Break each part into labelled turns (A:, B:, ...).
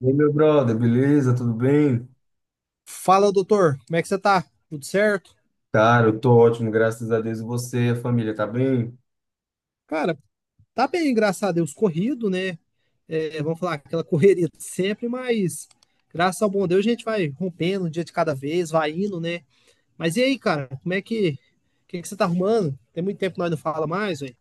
A: E aí, meu brother, beleza? Tudo bem?
B: Fala, doutor, como é que você tá? Tudo certo?
A: Cara, eu tô ótimo, graças a Deus. E você, a família, tá bem?
B: Cara, tá bem, graças a Deus, corrido, né? Vamos falar aquela correria de sempre, mas graças ao bom Deus a gente vai rompendo um dia de cada vez, vai indo, né? Mas e aí, cara, o que é que você tá arrumando? Tem muito tempo que nós não fala mais, velho.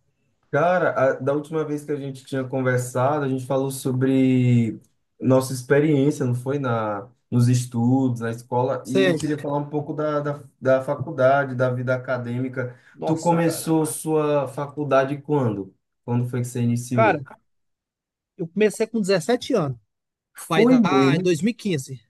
A: Cara, da última vez que a gente tinha conversado, a gente falou sobre nossa experiência, não foi? Nos estudos, na escola, e eu
B: Sério,
A: queria falar um pouco da faculdade, da vida acadêmica. Tu
B: nossa, cara.
A: começou sua faculdade quando? Quando foi que você
B: Cara,
A: iniciou?
B: eu comecei com 17 anos, vai
A: Foi
B: dar é
A: mesmo?
B: 2015,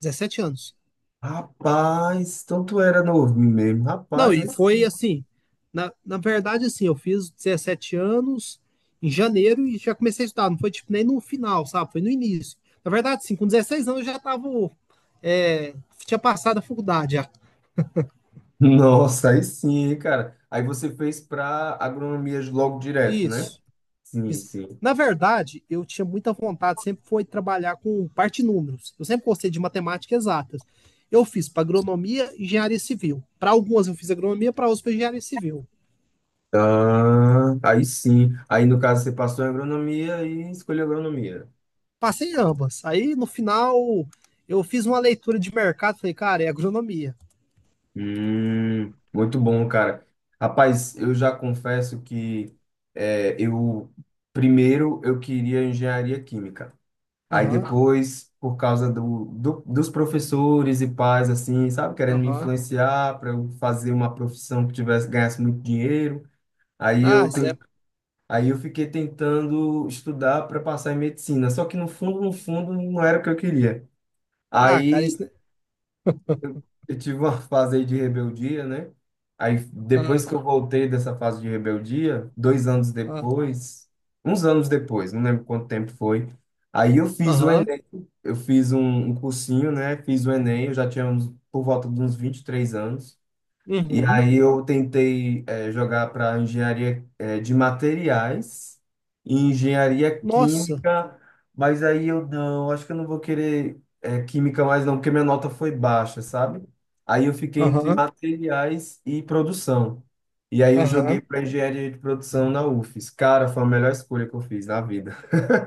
B: 17 anos.
A: Rapaz, então tu era novinho mesmo.
B: Não,
A: Rapaz,
B: e
A: aí.
B: foi assim, na verdade, assim, eu fiz 17 anos em janeiro e já comecei a estudar. Não foi tipo nem no final, sabe? Foi no início. Na verdade, assim, com 16 anos eu já tava. é, Tinha passado a faculdade já.
A: Nossa, aí sim, hein, cara. Aí você fez para agronomia logo direto, né?
B: Isso.
A: Sim,
B: Fiz-
A: sim.
B: Na verdade, eu tinha muita vontade, sempre foi trabalhar com parte de números. Eu sempre gostei de matemática exatas. Eu fiz para agronomia e engenharia civil. Para algumas eu fiz agronomia, para outras foi engenharia civil.
A: Ah, aí sim. Aí no caso você passou em agronomia e escolheu agronomia.
B: Passei em ambas. Aí no final eu fiz uma leitura de mercado, falei, cara, é agronomia.
A: Muito bom, cara. Rapaz, eu já confesso que é, eu primeiro eu queria engenharia química. Aí
B: Aham,
A: depois, por causa dos professores e pais, assim, sabe, querendo me
B: aham.
A: influenciar para eu fazer uma profissão que tivesse, ganhasse muito dinheiro. Aí
B: Ah,
A: eu,
B: isso é.
A: ten- aí eu fiquei tentando estudar para passar em medicina, só que no fundo, no fundo, não era o que eu queria.
B: Ah, cara,
A: Aí
B: isso,
A: eu tive uma fase aí de rebeldia, né? Aí
B: ah,
A: depois que eu voltei dessa fase de rebeldia, 2 anos
B: ah,
A: depois, uns anos depois, não lembro quanto tempo foi, aí eu fiz o
B: aham,
A: Enem, eu fiz um cursinho, né? Fiz o Enem, eu já tinha por volta de uns 23 anos. E
B: uhum.
A: aí eu tentei jogar para engenharia de materiais e engenharia
B: Nossa,
A: química, mas aí eu não, acho que eu não vou querer química mais não, porque minha nota foi baixa, sabe? Aí eu fiquei entre
B: aham,
A: materiais e produção. E aí eu joguei
B: aham.
A: para engenharia de produção na UFES. Cara, foi a melhor escolha que eu fiz na vida.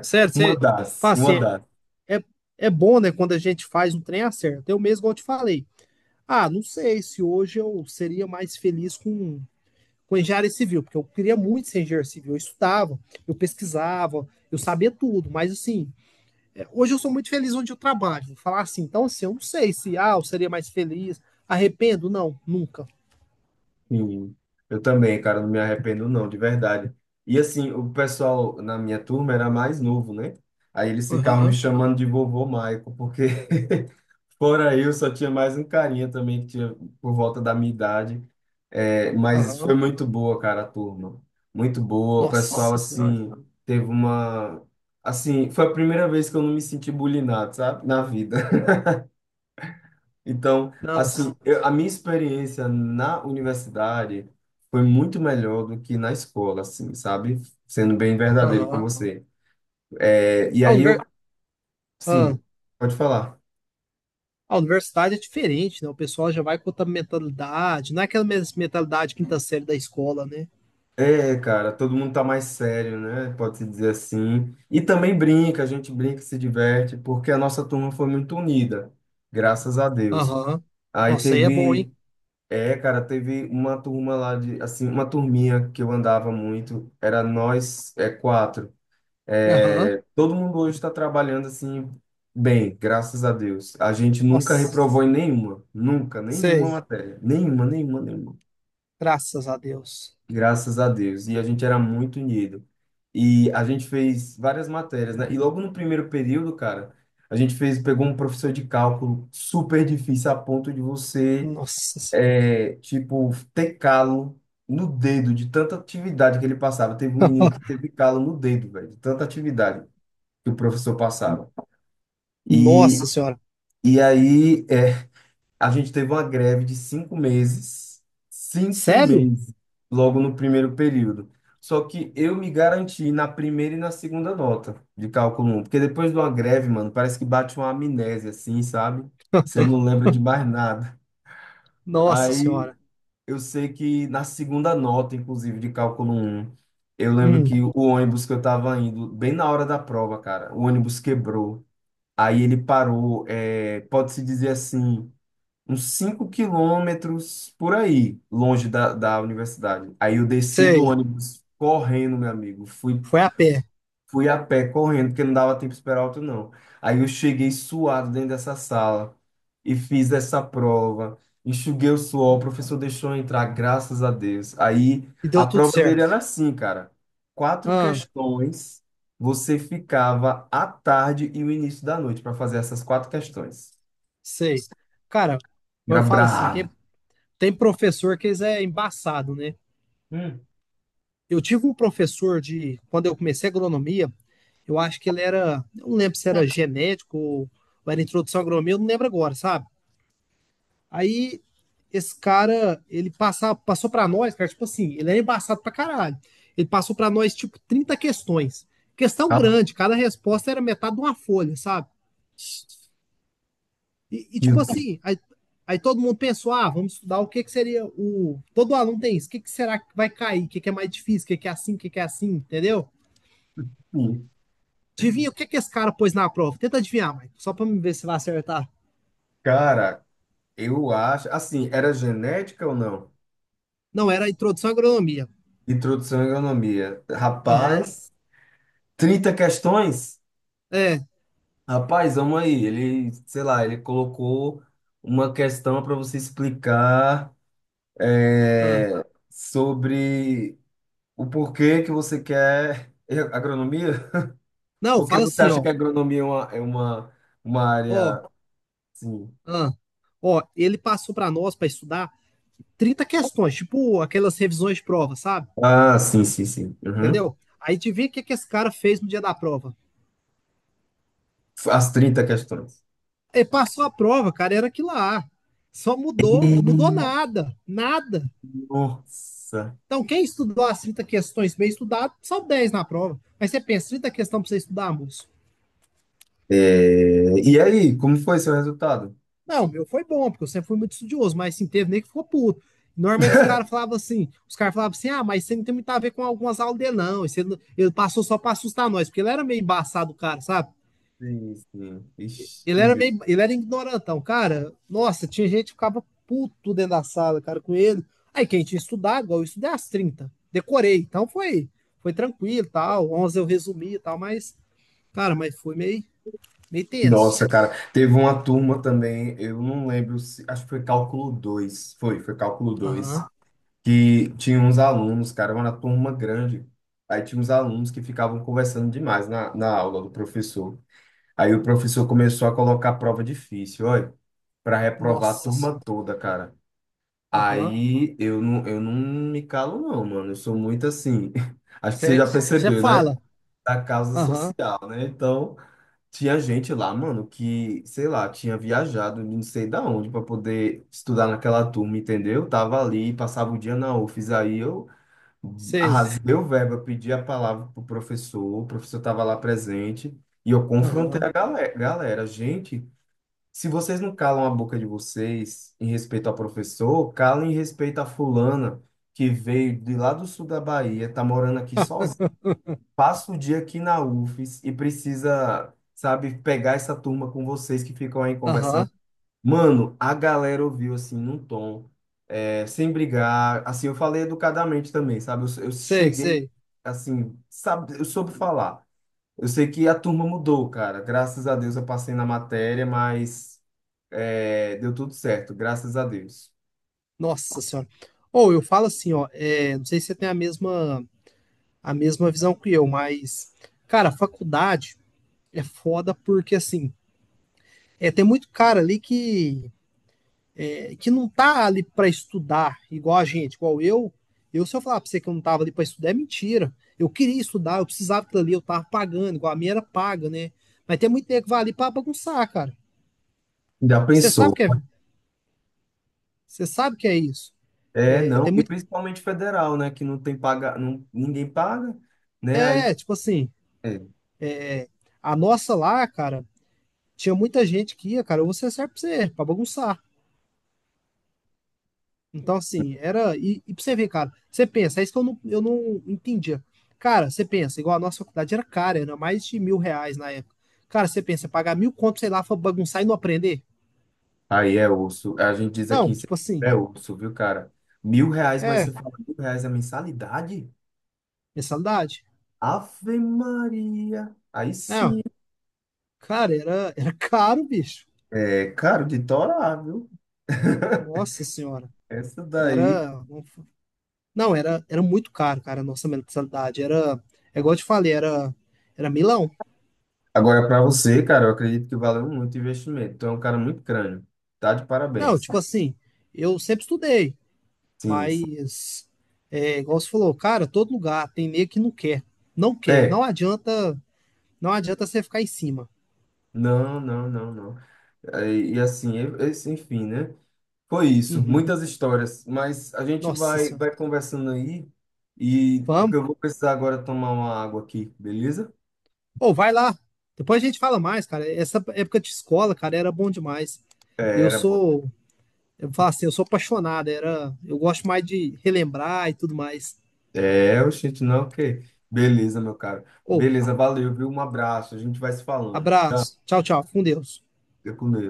B: Sério,
A: Uma
B: você.
A: das,
B: fala
A: uma
B: Assim,
A: das.
B: é, é bom, né, quando a gente faz um trem acerta. Eu mesmo, igual eu te falei. Ah, não sei se hoje eu seria mais feliz com engenharia civil, porque eu queria muito ser engenheiro civil. Eu estudava, eu pesquisava, eu sabia tudo, mas assim. Hoje eu sou muito feliz onde eu trabalho, vou falar assim. Então, assim, eu não sei se eu seria mais feliz. Arrependo? Não, nunca.
A: Sim, eu também, cara, não me arrependo não, de verdade. E assim, o pessoal na minha turma era mais novo, né? Aí eles ficavam me
B: Aham,
A: chamando de vovô Maico, porque fora eu só tinha mais um carinha também que tinha por volta da minha idade. É, mas foi
B: aham.
A: muito boa, cara, a turma. Muito boa. O pessoal,
B: Nossa Senhora.
A: assim, teve uma. Assim, foi a primeira vez que eu não me senti bulinado, sabe? Na vida. Então,
B: Não.
A: assim, a minha experiência na universidade foi muito melhor do que na escola, assim, sabe? Sendo bem verdadeiro com
B: Aham.
A: você. É, e
B: A,
A: aí eu,
B: univer- ah,
A: sim, pode falar.
B: a universidade é diferente, né? O pessoal já vai com outra mentalidade. Não é aquela mentalidade quinta série da escola, né?
A: É, cara, todo mundo tá mais sério, né? Pode-se dizer assim. E também brinca, a gente brinca, se diverte, porque a nossa turma foi muito unida, graças a Deus.
B: Aham.
A: Aí
B: Nossa, aí é bom, hein?
A: teve, é, cara, teve uma turma lá de, assim, uma turminha que eu andava muito, era nós, quatro.
B: Aham.
A: É, todo mundo hoje está trabalhando assim bem, graças a Deus. A gente nunca
B: Nossa.
A: reprovou em nenhuma, nunca, nenhuma
B: Sei.
A: matéria, nenhuma, nenhuma, nenhuma.
B: Graças a Deus.
A: Graças a Deus. E a gente era muito unido. E a gente fez várias matérias, né? E logo no primeiro período, cara, a gente pegou um professor de cálculo super difícil a ponto de você,
B: Nossa. Se-
A: tipo, ter calo no dedo de tanta atividade que ele passava. Teve um menino que teve calo no dedo, velho, de tanta atividade que o professor passava. E,
B: Nossa Senhora.
A: e aí, a gente teve uma greve de 5 meses, cinco
B: Sério?
A: meses, logo no primeiro período. Só que eu me garanti na primeira e na segunda nota de cálculo um, porque depois de uma greve, mano, parece que bate uma amnésia, assim, sabe? Você não lembra de mais nada.
B: Nossa
A: Aí
B: Senhora.
A: eu sei que na segunda nota, inclusive, de cálculo um, eu lembro
B: Hum,
A: que o ônibus que eu tava indo, bem na hora da prova, cara, o ônibus quebrou. Aí ele parou, pode-se dizer assim, uns 5 quilômetros por aí, longe da universidade. Aí eu desci do
B: sei.
A: ônibus correndo, meu amigo. Fui
B: Foi a pé.
A: Fui a pé correndo, porque não dava tempo de esperar outro, não. Aí eu cheguei suado dentro dessa sala e fiz essa prova. Enxuguei o suor, o professor deixou eu entrar, graças a Deus. Aí
B: E
A: a
B: deu tudo
A: prova dele era
B: certo.
A: assim, cara. Quatro
B: Ah,
A: questões, você ficava à tarde e o início da noite para fazer essas quatro questões.
B: sei. Cara, mas
A: Era
B: eu falo assim,
A: brabo.
B: tem professor que eles é embaçado, né?
A: Hum.
B: Eu tive um professor de, quando eu comecei a agronomia, eu acho que ele era, eu não lembro se era genético ou era introdução à agronomia, eu não lembro agora, sabe? Aí esse cara, passou pra nós, cara, tipo assim, ele era embaçado pra caralho. Ele passou pra nós, tipo, 30 questões. Questão
A: Ah,
B: grande, cada resposta era metade de uma folha, sabe?
A: meu
B: Tipo
A: Deus.
B: assim, aí todo mundo pensou, ah, vamos estudar o que que seria o. Todo aluno tem isso, o que que será que vai cair? O que que é mais difícil? O que que é assim? O que que é assim? Entendeu?
A: Sim.
B: Adivinha o que que esse cara pôs na prova? Tenta adivinhar, Mike, só pra me ver se vai acertar.
A: Cara, eu acho. Assim, era genética ou não?
B: Não, era a introdução à agronomia.
A: Introdução à agronomia.
B: Aham.
A: Rapaz. 30 questões?
B: É.
A: Rapaz, vamos aí. Ele, sei lá, ele colocou uma questão para você explicar
B: Ah.
A: é, sobre o porquê que você quer agronomia.
B: Não,
A: Por que
B: fala
A: você
B: assim,
A: acha
B: ó.
A: que a agronomia é uma
B: Ó,
A: área. Sim.
B: ah, ó, ele passou pra nós pra estudar 30 questões, tipo aquelas revisões de prova, sabe?
A: Ah, sim, sim, sim. Uhum.
B: Entendeu? Aí adivinha o que que esse cara fez no dia da prova?
A: As 30 questões.
B: E passou a prova, cara, era aquilo lá. Só mudou, mudou
A: Hum.
B: nada, nada.
A: Nossa.
B: Então, quem estudou as 30 questões bem estudado, só 10 na prova. Mas você pensa, 30 questões pra você estudar, moço.
A: E aí, como foi seu resultado?
B: Não, meu, foi bom, porque eu sempre fui muito estudioso, mas sim, teve nem que ficou puto. Normalmente os caras falavam assim, os caras falavam assim, ah, mas você não tem muito a ver com algumas aulas dele, não. Esse, ele passou só pra assustar nós, porque ele era meio embaçado, o cara, sabe?
A: Sim, sim. Ixi.
B: Ele era meio. Ele era ignorantão, cara. Nossa, tinha gente que ficava puto dentro da sala, cara, com ele. Aí quem tinha estudado, igual eu estudei às 30. Decorei, então foi tranquilo tal. Onze eu resumi e tal, mas, cara, mas foi meio tenso.
A: Nossa, cara, teve uma turma também, eu não lembro se, acho que foi cálculo 2. Foi cálculo dois
B: Aham.
A: que tinha uns alunos, cara, era uma turma grande, aí tinha uns alunos que ficavam conversando demais na aula do professor. Aí o professor começou a colocar prova difícil, olha, para reprovar a
B: Nossa
A: turma
B: senhora.
A: toda, cara.
B: Aham.
A: Aí eu não me calo não, mano, eu sou muito assim, acho que você já
B: Você
A: percebeu, né?
B: fala.
A: Da causa
B: Aham.
A: social, né? Então... Tinha gente lá, mano, que, sei lá, tinha viajado de não sei da onde para poder estudar naquela turma, entendeu? Tava ali, passava o dia na UFES, aí eu
B: Sei.
A: arrasei o verbo, eu pedi a palavra pro professor, o professor tava lá presente, e eu confrontei
B: Aham.
A: a galera, galera, gente, se vocês não calam a boca de vocês em respeito ao professor, calem em respeito a fulana que veio de lá do sul da Bahia, tá morando aqui passa o dia aqui na UFES e precisa, sabe, pegar essa turma com vocês que ficam aí
B: Aham.
A: conversando. Mano, a galera ouviu assim, num tom, sem brigar. Assim, eu falei educadamente também, sabe? Eu
B: Sei,
A: cheguei,
B: sei.
A: assim, sabe, eu soube falar. Eu sei que a turma mudou, cara. Graças a Deus eu passei na matéria, mas deu tudo certo, graças a Deus.
B: Nossa senhora. Ou eu falo assim, ó. Não sei se você tem a mesma visão que eu, mas, cara, faculdade é foda porque, assim, tem muito cara ali que não tá ali para estudar, igual a gente, igual eu. Eu, se eu falar pra você que eu não tava ali pra estudar, é mentira. Eu queria estudar, eu precisava daquilo ali, eu tava pagando, igual a minha era paga, né? Mas tem muito nego que vai ali pra bagunçar, cara.
A: Já
B: Você sabe
A: pensou?
B: que é, você sabe que é isso.
A: É,
B: É,
A: não.
B: tem
A: E
B: muito.
A: principalmente federal, né? Que não tem paga, não, ninguém paga, né? Aí.
B: É, tipo assim,
A: é,
B: a nossa lá, cara, tinha muita gente que ia, cara, eu vou ser certo pra você, pra bagunçar. Então, assim, era. E pra você ver, cara, você pensa, é isso que eu não entendia. Cara, você pensa, igual a nossa faculdade era cara, era mais de 1.000 reais na época. Cara, você pensa, pagar mil conto, sei lá, pra bagunçar e não aprender?
A: Aí é osso. A gente diz aqui em
B: Não,
A: Sergipe,
B: tipo assim,
A: é osso, viu, cara? R$ 1.000, mas
B: é,
A: você fala R$ 1.000 a mensalidade?
B: mensalidade.
A: Ave Maria. Aí
B: Não,
A: sim.
B: cara, era caro, bicho.
A: É caro de torar, viu?
B: Nossa senhora.
A: Essa daí.
B: Era. Não, era muito caro, cara, a nossa mensalidade. Era. É igual eu te falei, era milão.
A: Agora, pra você, cara, eu acredito que valeu muito o investimento. Tu é um cara muito crânio. Tá de
B: Não,
A: parabéns.
B: tipo assim, eu sempre estudei.
A: Sim, sim.
B: Mas, é, igual você falou, cara, todo lugar tem meio que não quer. Não quer.
A: É.
B: Não adianta, não adianta você ficar em cima.
A: Não, não, não, não. E assim, enfim, né? Foi isso,
B: Uhum.
A: muitas histórias, mas a gente
B: Nossa
A: vai,
B: Senhora.
A: vai conversando aí e porque
B: Vamos.
A: eu vou precisar agora tomar uma água aqui, beleza?
B: Ou vai lá. Depois a gente fala mais, cara. Essa época de escola, cara, era bom demais.
A: É,
B: Eu
A: era bom.
B: sou, eu falo assim, eu sou apaixonado, era, eu gosto mais de relembrar e tudo mais.
A: É, o gente não, ok. Beleza, meu caro.
B: Ou,
A: Beleza, valeu, viu? Um abraço, a gente vai se falando.
B: abraço. Tchau, tchau. Fica com Deus.
A: Fica com Deus.